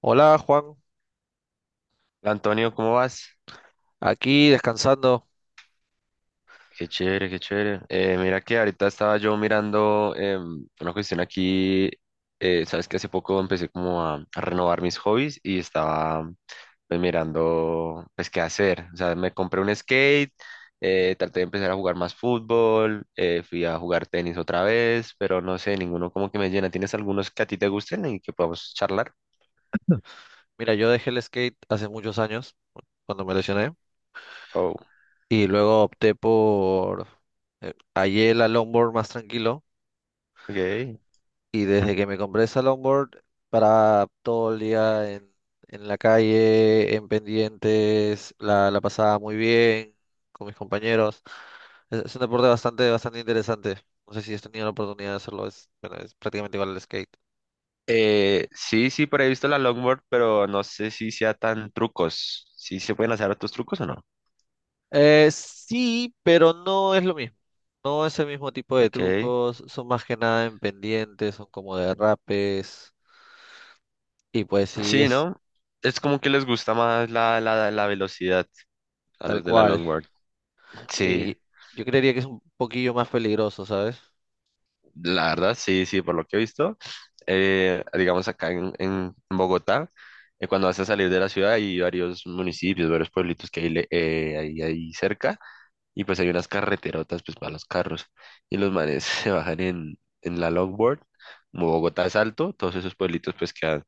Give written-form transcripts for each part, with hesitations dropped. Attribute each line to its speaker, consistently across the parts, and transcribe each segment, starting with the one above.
Speaker 1: Hola Juan,
Speaker 2: Hola, Antonio, ¿cómo vas?
Speaker 1: aquí descansando.
Speaker 2: Qué chévere, qué chévere. Mira que ahorita estaba yo mirando una cuestión aquí, sabes que hace poco empecé como a renovar mis hobbies y estaba pues mirando pues qué hacer. O sea, me compré un skate, traté de empezar a jugar más fútbol, fui a jugar tenis otra vez, pero no sé, ninguno como que me llena. ¿Tienes algunos que a ti te gusten y que podamos charlar?
Speaker 1: Mira, yo dejé el skate hace muchos años, cuando me lesioné,
Speaker 2: Oh,
Speaker 1: y luego hallé la longboard más tranquilo,
Speaker 2: ok.
Speaker 1: y desde que me compré esa longboard, para todo el día en la calle, en pendientes, la pasaba muy bien con mis compañeros. Es un deporte bastante, bastante interesante. No sé si has tenido la oportunidad de hacerlo, bueno, es prácticamente igual al skate.
Speaker 2: Sí, sí, por ahí he visto la longboard, pero no sé si sea tan trucos. ¿Sí se pueden hacer otros trucos o no?
Speaker 1: Sí, pero no es lo mismo. No es el mismo tipo de
Speaker 2: Ok.
Speaker 1: trucos, son más que nada en pendientes, son como derrapes, y pues sí,
Speaker 2: Sí,
Speaker 1: es
Speaker 2: ¿no? Es como que les gusta más la velocidad a
Speaker 1: tal
Speaker 2: los de la
Speaker 1: cual.
Speaker 2: longboard. Sí,
Speaker 1: Y yo creería que es un poquillo más peligroso, ¿sabes?
Speaker 2: la verdad, sí, sí, por lo que he visto. Digamos acá en Bogotá. Cuando vas a salir de la ciudad hay varios municipios, varios pueblitos que hay ahí cerca. Y pues hay unas carreterotas pues para los carros y los manes se bajan en la longboard. Como Bogotá es alto, todos esos pueblitos pues quedan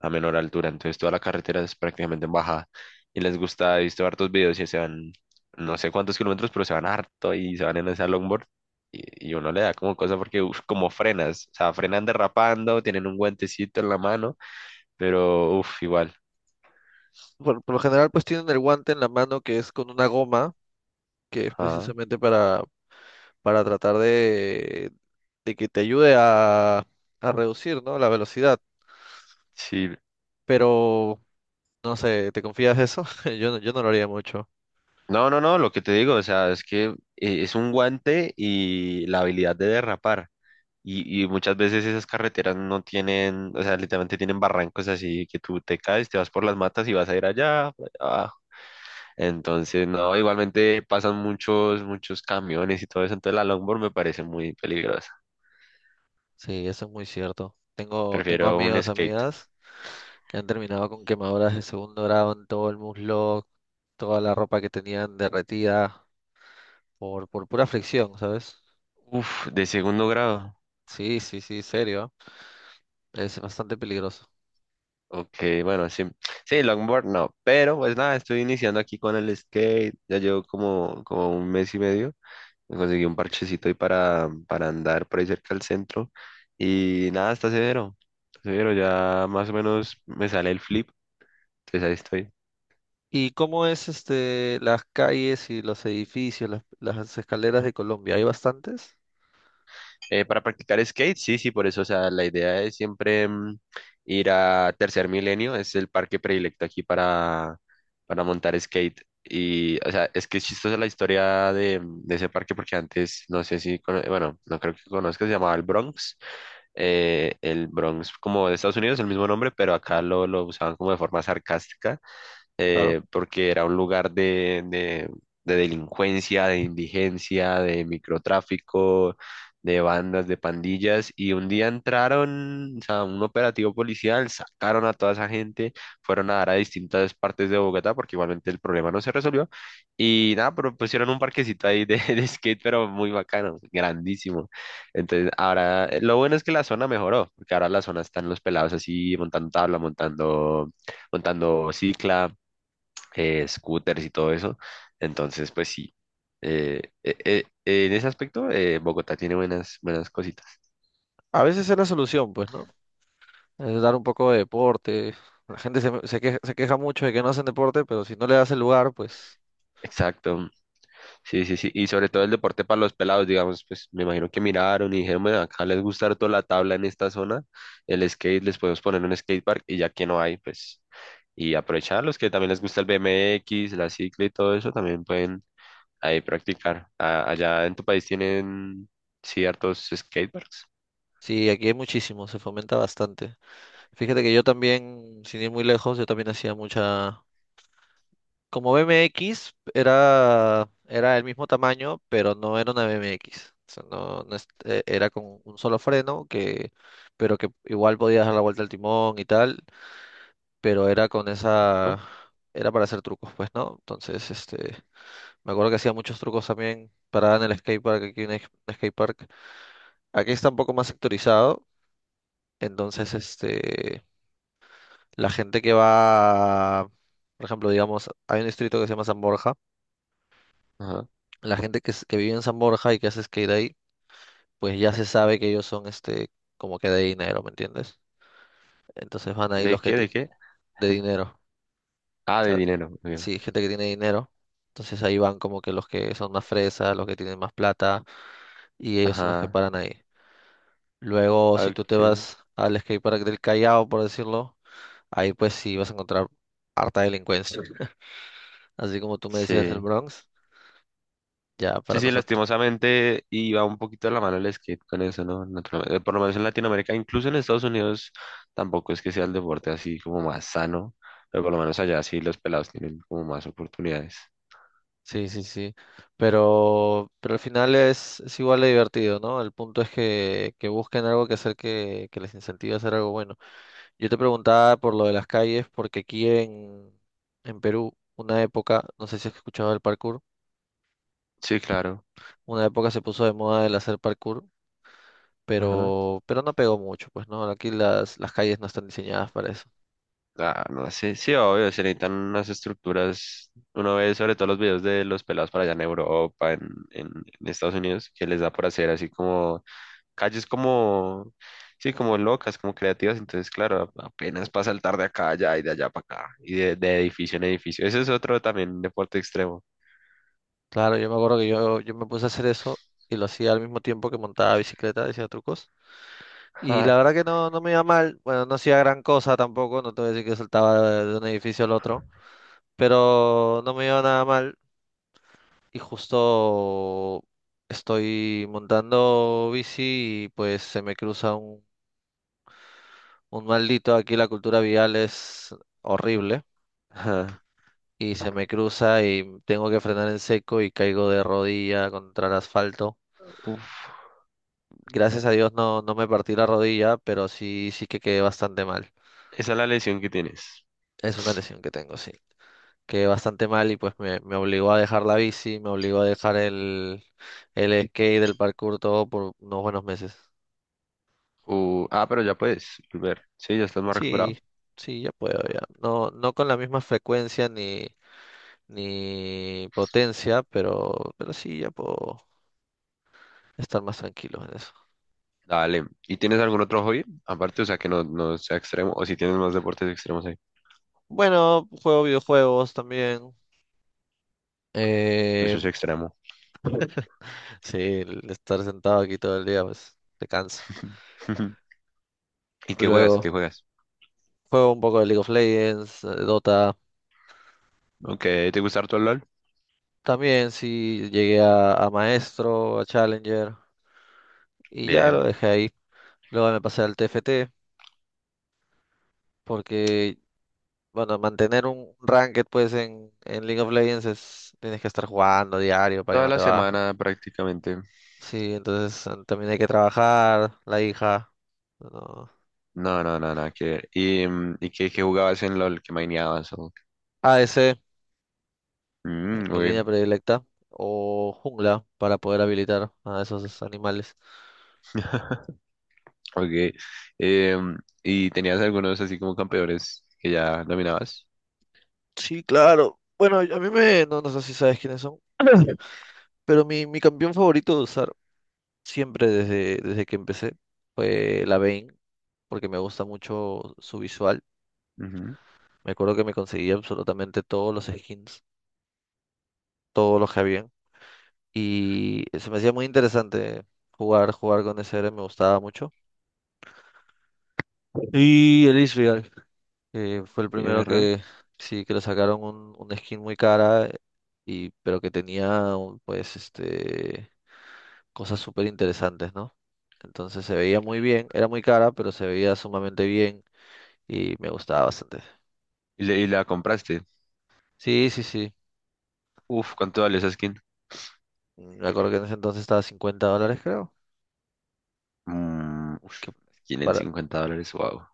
Speaker 2: a menor altura, entonces toda la carretera es prácticamente en bajada y les gusta. He visto hartos videos y se van no sé cuántos kilómetros, pero se van harto y se van en esa longboard. Y uno le da como cosa porque uf, como frenas, o sea, frenan derrapando, tienen un guantecito en la mano, pero uff, igual.
Speaker 1: Por lo general, pues tienen el guante en la mano que es con una goma, que es
Speaker 2: Ajá.
Speaker 1: precisamente para tratar de que te ayude a reducir, ¿no?, la velocidad.
Speaker 2: Sí.
Speaker 1: Pero no sé, ¿te confías de eso? Yo no lo haría mucho.
Speaker 2: No, no, no, lo que te digo, o sea, es que es un guante y la habilidad de derrapar. Y muchas veces esas carreteras no tienen, o sea, literalmente tienen barrancos así que tú te caes, te vas por las matas y vas a ir allá, por allá abajo. Entonces, no, igualmente pasan muchos, muchos camiones y todo eso, entonces la longboard me parece muy peligrosa.
Speaker 1: Sí, eso es muy cierto. Tengo
Speaker 2: Prefiero un
Speaker 1: amigos,
Speaker 2: skate.
Speaker 1: amigas que han terminado con quemaduras de segundo grado en todo el muslo, toda la ropa que tenían derretida por pura fricción, ¿sabes?
Speaker 2: Uf, de segundo grado.
Speaker 1: Sí, sí, sí, serio. ¿Eh? Es bastante peligroso.
Speaker 2: Ok, bueno, sí. Sí, longboard no, pero pues nada, estoy iniciando aquí con el skate, ya llevo como un mes y medio. Me conseguí un parchecito ahí para andar por ahí cerca del centro. Y nada, está severo. Está severo, ya más o menos me sale el flip. Entonces ahí estoy.
Speaker 1: ¿Y cómo es las calles y los edificios, las escaleras de Colombia? ¿Hay bastantes?
Speaker 2: Para practicar skate, sí, sí, por eso, o sea, la idea es siempre ir a Tercer Milenio, es el parque predilecto aquí para montar skate. Y, o sea, es que es chistosa la historia de ese parque porque antes, no sé si, cono- bueno, no creo que conozcas, se llamaba el Bronx, el Bronx como de Estados Unidos, el mismo nombre, pero acá lo usaban como de forma sarcástica,
Speaker 1: Claro.
Speaker 2: porque era un lugar de delincuencia, de indigencia, de microtráfico, de bandas, de pandillas. Y un día entraron, o sea, un operativo policial, sacaron a toda esa gente, fueron a dar a distintas partes de Bogotá, porque igualmente el problema no se resolvió. Y nada, pero pusieron un parquecito ahí de de skate, pero muy bacano, grandísimo. Entonces, ahora, lo bueno es que la zona mejoró, porque ahora la zona están los pelados así, montando tabla, montando, montando cicla, scooters y todo eso. Entonces, pues sí, eh, eh, en ese aspecto Bogotá tiene buenas, buenas cositas.
Speaker 1: A veces es la solución, pues, ¿no? Es dar un poco de deporte. La gente se queja mucho de que no hacen deporte, pero si no le das el lugar, pues
Speaker 2: Exacto, sí, sí, sí. Y sobre todo el deporte para los pelados, digamos, pues me imagino que miraron y dijeron: "Bueno, acá les gusta harto la tabla en esta zona, el skate, les podemos poner un skatepark y ya que no hay, pues, y aprovechar los que también les gusta el BMX, la cicla y todo eso, también pueden ahí practicar". Allá en tu país tienen ciertos skateparks.
Speaker 1: sí, aquí hay muchísimo, se fomenta bastante. Fíjate que yo también, sin ir muy lejos, yo también hacía mucha... Como BMX era el mismo tamaño, pero no era una BMX. O sea, no, no era con un solo freno, pero que igual podías dar la vuelta al timón y tal, pero era con
Speaker 2: Ajá,
Speaker 1: esa... Era para hacer trucos, pues, ¿no? Entonces, me acuerdo que hacía muchos trucos también parada en el skatepark, aquí en el skatepark. Aquí está un poco más sectorizado, entonces, la gente que va, por ejemplo, digamos, hay un distrito que se llama San Borja.
Speaker 2: ajá.
Speaker 1: La gente que vive en San Borja y que hace skate ahí, pues ya se sabe que ellos son, como que de dinero, ¿me entiendes? Entonces van ahí
Speaker 2: ¿De
Speaker 1: los que
Speaker 2: qué? ¿De
Speaker 1: ti-
Speaker 2: qué?
Speaker 1: de dinero. O
Speaker 2: Ah, de
Speaker 1: sea,
Speaker 2: dinero, muy bien.
Speaker 1: sí, gente que tiene dinero. Entonces ahí van como que los que son más fresas, los que tienen más plata, y ellos son los que
Speaker 2: Ajá,
Speaker 1: paran ahí. Luego, si tú te
Speaker 2: ok,
Speaker 1: vas al skatepark del Callao, por decirlo, ahí pues sí vas a encontrar harta delincuencia. Así como tú me decías el
Speaker 2: sí.
Speaker 1: Bronx, ya
Speaker 2: Sí,
Speaker 1: para
Speaker 2: sí,
Speaker 1: nosotros.
Speaker 2: lastimosamente iba un poquito de la mano el skate con eso, ¿no? Naturalmente, por lo menos en Latinoamérica, incluso en Estados Unidos, tampoco es que sea el deporte así como más sano, pero por lo menos allá sí los pelados tienen como más oportunidades.
Speaker 1: Sí, sí, sí. Pero al final es igual de divertido, ¿no? El punto es que busquen algo que hacer que les incentive a hacer algo bueno. Yo te preguntaba por lo de las calles, porque aquí en Perú, una época, no sé si has escuchado del parkour,
Speaker 2: Sí, claro.
Speaker 1: una época se puso de moda el hacer parkour,
Speaker 2: Ajá.
Speaker 1: pero no pegó mucho, pues, ¿no? Aquí las calles no están diseñadas para eso.
Speaker 2: Ah, no sé, sí, obvio, se necesitan unas estructuras. Uno ve sobre todo los videos de los pelados para allá en Europa, en en Estados Unidos, que les da por hacer así como calles como, sí, como locas, como creativas. Entonces, claro, apenas para saltar de acá a allá y de allá para acá, y de edificio en edificio. Ese es otro también deporte extremo.
Speaker 1: Claro, yo me acuerdo que yo me puse a hacer eso y lo hacía al mismo tiempo que montaba bicicleta, decía trucos. Y
Speaker 2: Ja,
Speaker 1: la verdad que no, no me iba mal. Bueno, no hacía gran cosa tampoco. No te voy a decir que saltaba de un edificio al otro. Pero no me iba nada mal. Y justo estoy montando bici y pues se me cruza un maldito. Aquí la cultura vial es horrible.
Speaker 2: ja.
Speaker 1: Y se me cruza y tengo que frenar en seco y caigo de rodilla contra el asfalto.
Speaker 2: Uf,
Speaker 1: Gracias a Dios no, no me partí la rodilla, pero sí, sí que quedé bastante mal.
Speaker 2: esa es la lesión que tienes.
Speaker 1: Es una lesión que tengo, sí, que bastante mal, y pues me obligó a dejar la bici, me obligó a dejar el skate, el parkour, todo por unos buenos meses.
Speaker 2: Ah, pero ya puedes volver. Sí, ya estás más
Speaker 1: Sí,
Speaker 2: recuperado.
Speaker 1: sí, ya puedo, ya. No, no con la misma frecuencia ni, ni potencia, pero sí, ya puedo estar más tranquilo en eso.
Speaker 2: Dale. ¿Y tienes algún otro hobby? Aparte, o sea, que no, no sea extremo, o si tienes más deportes extremos ahí.
Speaker 1: Bueno, juego videojuegos también.
Speaker 2: Eso
Speaker 1: Eh,
Speaker 2: es extremo.
Speaker 1: sí, el estar sentado aquí todo el día, pues te cansa.
Speaker 2: ¿Y qué juegas? ¿Qué
Speaker 1: Luego,
Speaker 2: juegas?
Speaker 1: juego un poco de League of Legends, Dota.
Speaker 2: Ok, ¿te gusta harto el LOL?
Speaker 1: También sí llegué a maestro, a Challenger, y ya lo
Speaker 2: Bien.
Speaker 1: dejé ahí. Luego me pasé al TFT porque, bueno, mantener un ranked pues en League of Legends, tienes que estar jugando diario para que
Speaker 2: Toda
Speaker 1: no
Speaker 2: la
Speaker 1: te bajen.
Speaker 2: semana prácticamente.
Speaker 1: Sí, entonces también hay que trabajar, la hija, no.
Speaker 2: No, no, no, nada que ver. ¿Y qué jugabas en LOL? ¿Qué maineabas? ¿ Qué?
Speaker 1: ADC, mi
Speaker 2: Ok.
Speaker 1: línea predilecta, o jungla para poder habilitar a esos animales.
Speaker 2: Ok. Em, ¿Y tenías algunos así como campeones que ya dominabas?
Speaker 1: Sí, claro. Bueno, no, no sé si sabes quiénes son, pero mi campeón favorito de usar siempre desde que empecé fue la Vane, porque me gusta mucho su visual.
Speaker 2: Ujú.
Speaker 1: Me acuerdo que me conseguía absolutamente todos los skins, todos los que habían, y se me hacía muy interesante jugar con ese héroe, me gustaba mucho. Y el Israel, que fue el
Speaker 2: Y
Speaker 1: primero
Speaker 2: es real.
Speaker 1: que sí que le sacaron un, skin muy cara, y pero que tenía pues cosas súper interesantes, ¿no? Entonces se veía muy bien, era muy cara, pero se veía sumamente bien y me gustaba bastante.
Speaker 2: ¿Y la compraste?
Speaker 1: Sí, sí, sí.
Speaker 2: Uf, ¿cuánto vale esa skin?
Speaker 1: Me acuerdo que en ese entonces estaba a $50, creo.
Speaker 2: Mm, uf,
Speaker 1: Que
Speaker 2: skin en
Speaker 1: para,
Speaker 2: $50, wow.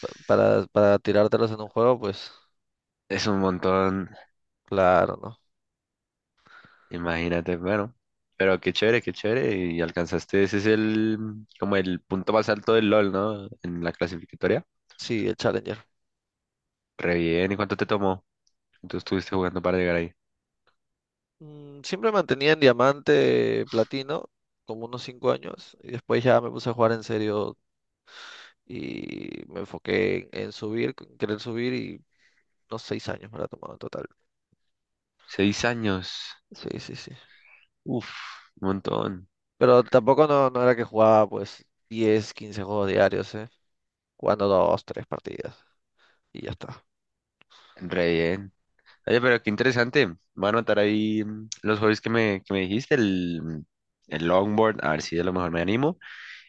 Speaker 1: pa- para, para tirártelos en un juego, pues
Speaker 2: Es un montón,
Speaker 1: claro, ¿no?
Speaker 2: imagínate, bueno. Pero qué chévere, qué chévere. Y alcanzaste, ese es el, como el punto más alto del LOL, ¿no? En la clasificatoria.
Speaker 1: Sí, el Challenger.
Speaker 2: Re bien, ¿y cuánto te tomó? Entonces estuviste jugando para llegar ahí.
Speaker 1: Siempre mantenía en diamante, platino, como unos 5 años, y después ya me puse a jugar en serio y me enfoqué en subir, en querer subir, y unos 6 años me lo ha tomado en total.
Speaker 2: 6 años.
Speaker 1: Sí, sí, sí.
Speaker 2: Uf, un montón.
Speaker 1: Pero tampoco no, no era que jugaba pues 10 15 juegos diarios, ¿eh? Jugando 2, 3 partidas y ya está.
Speaker 2: Re bien. Oye, pero qué interesante. Voy a anotar ahí los hobbies que me dijiste, el longboard, a ver si a lo mejor me animo.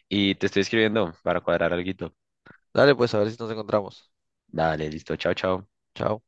Speaker 2: Y te estoy escribiendo para cuadrar alguito.
Speaker 1: Dale, pues a ver si nos encontramos.
Speaker 2: Dale, listo. Chao, chao.
Speaker 1: Chao.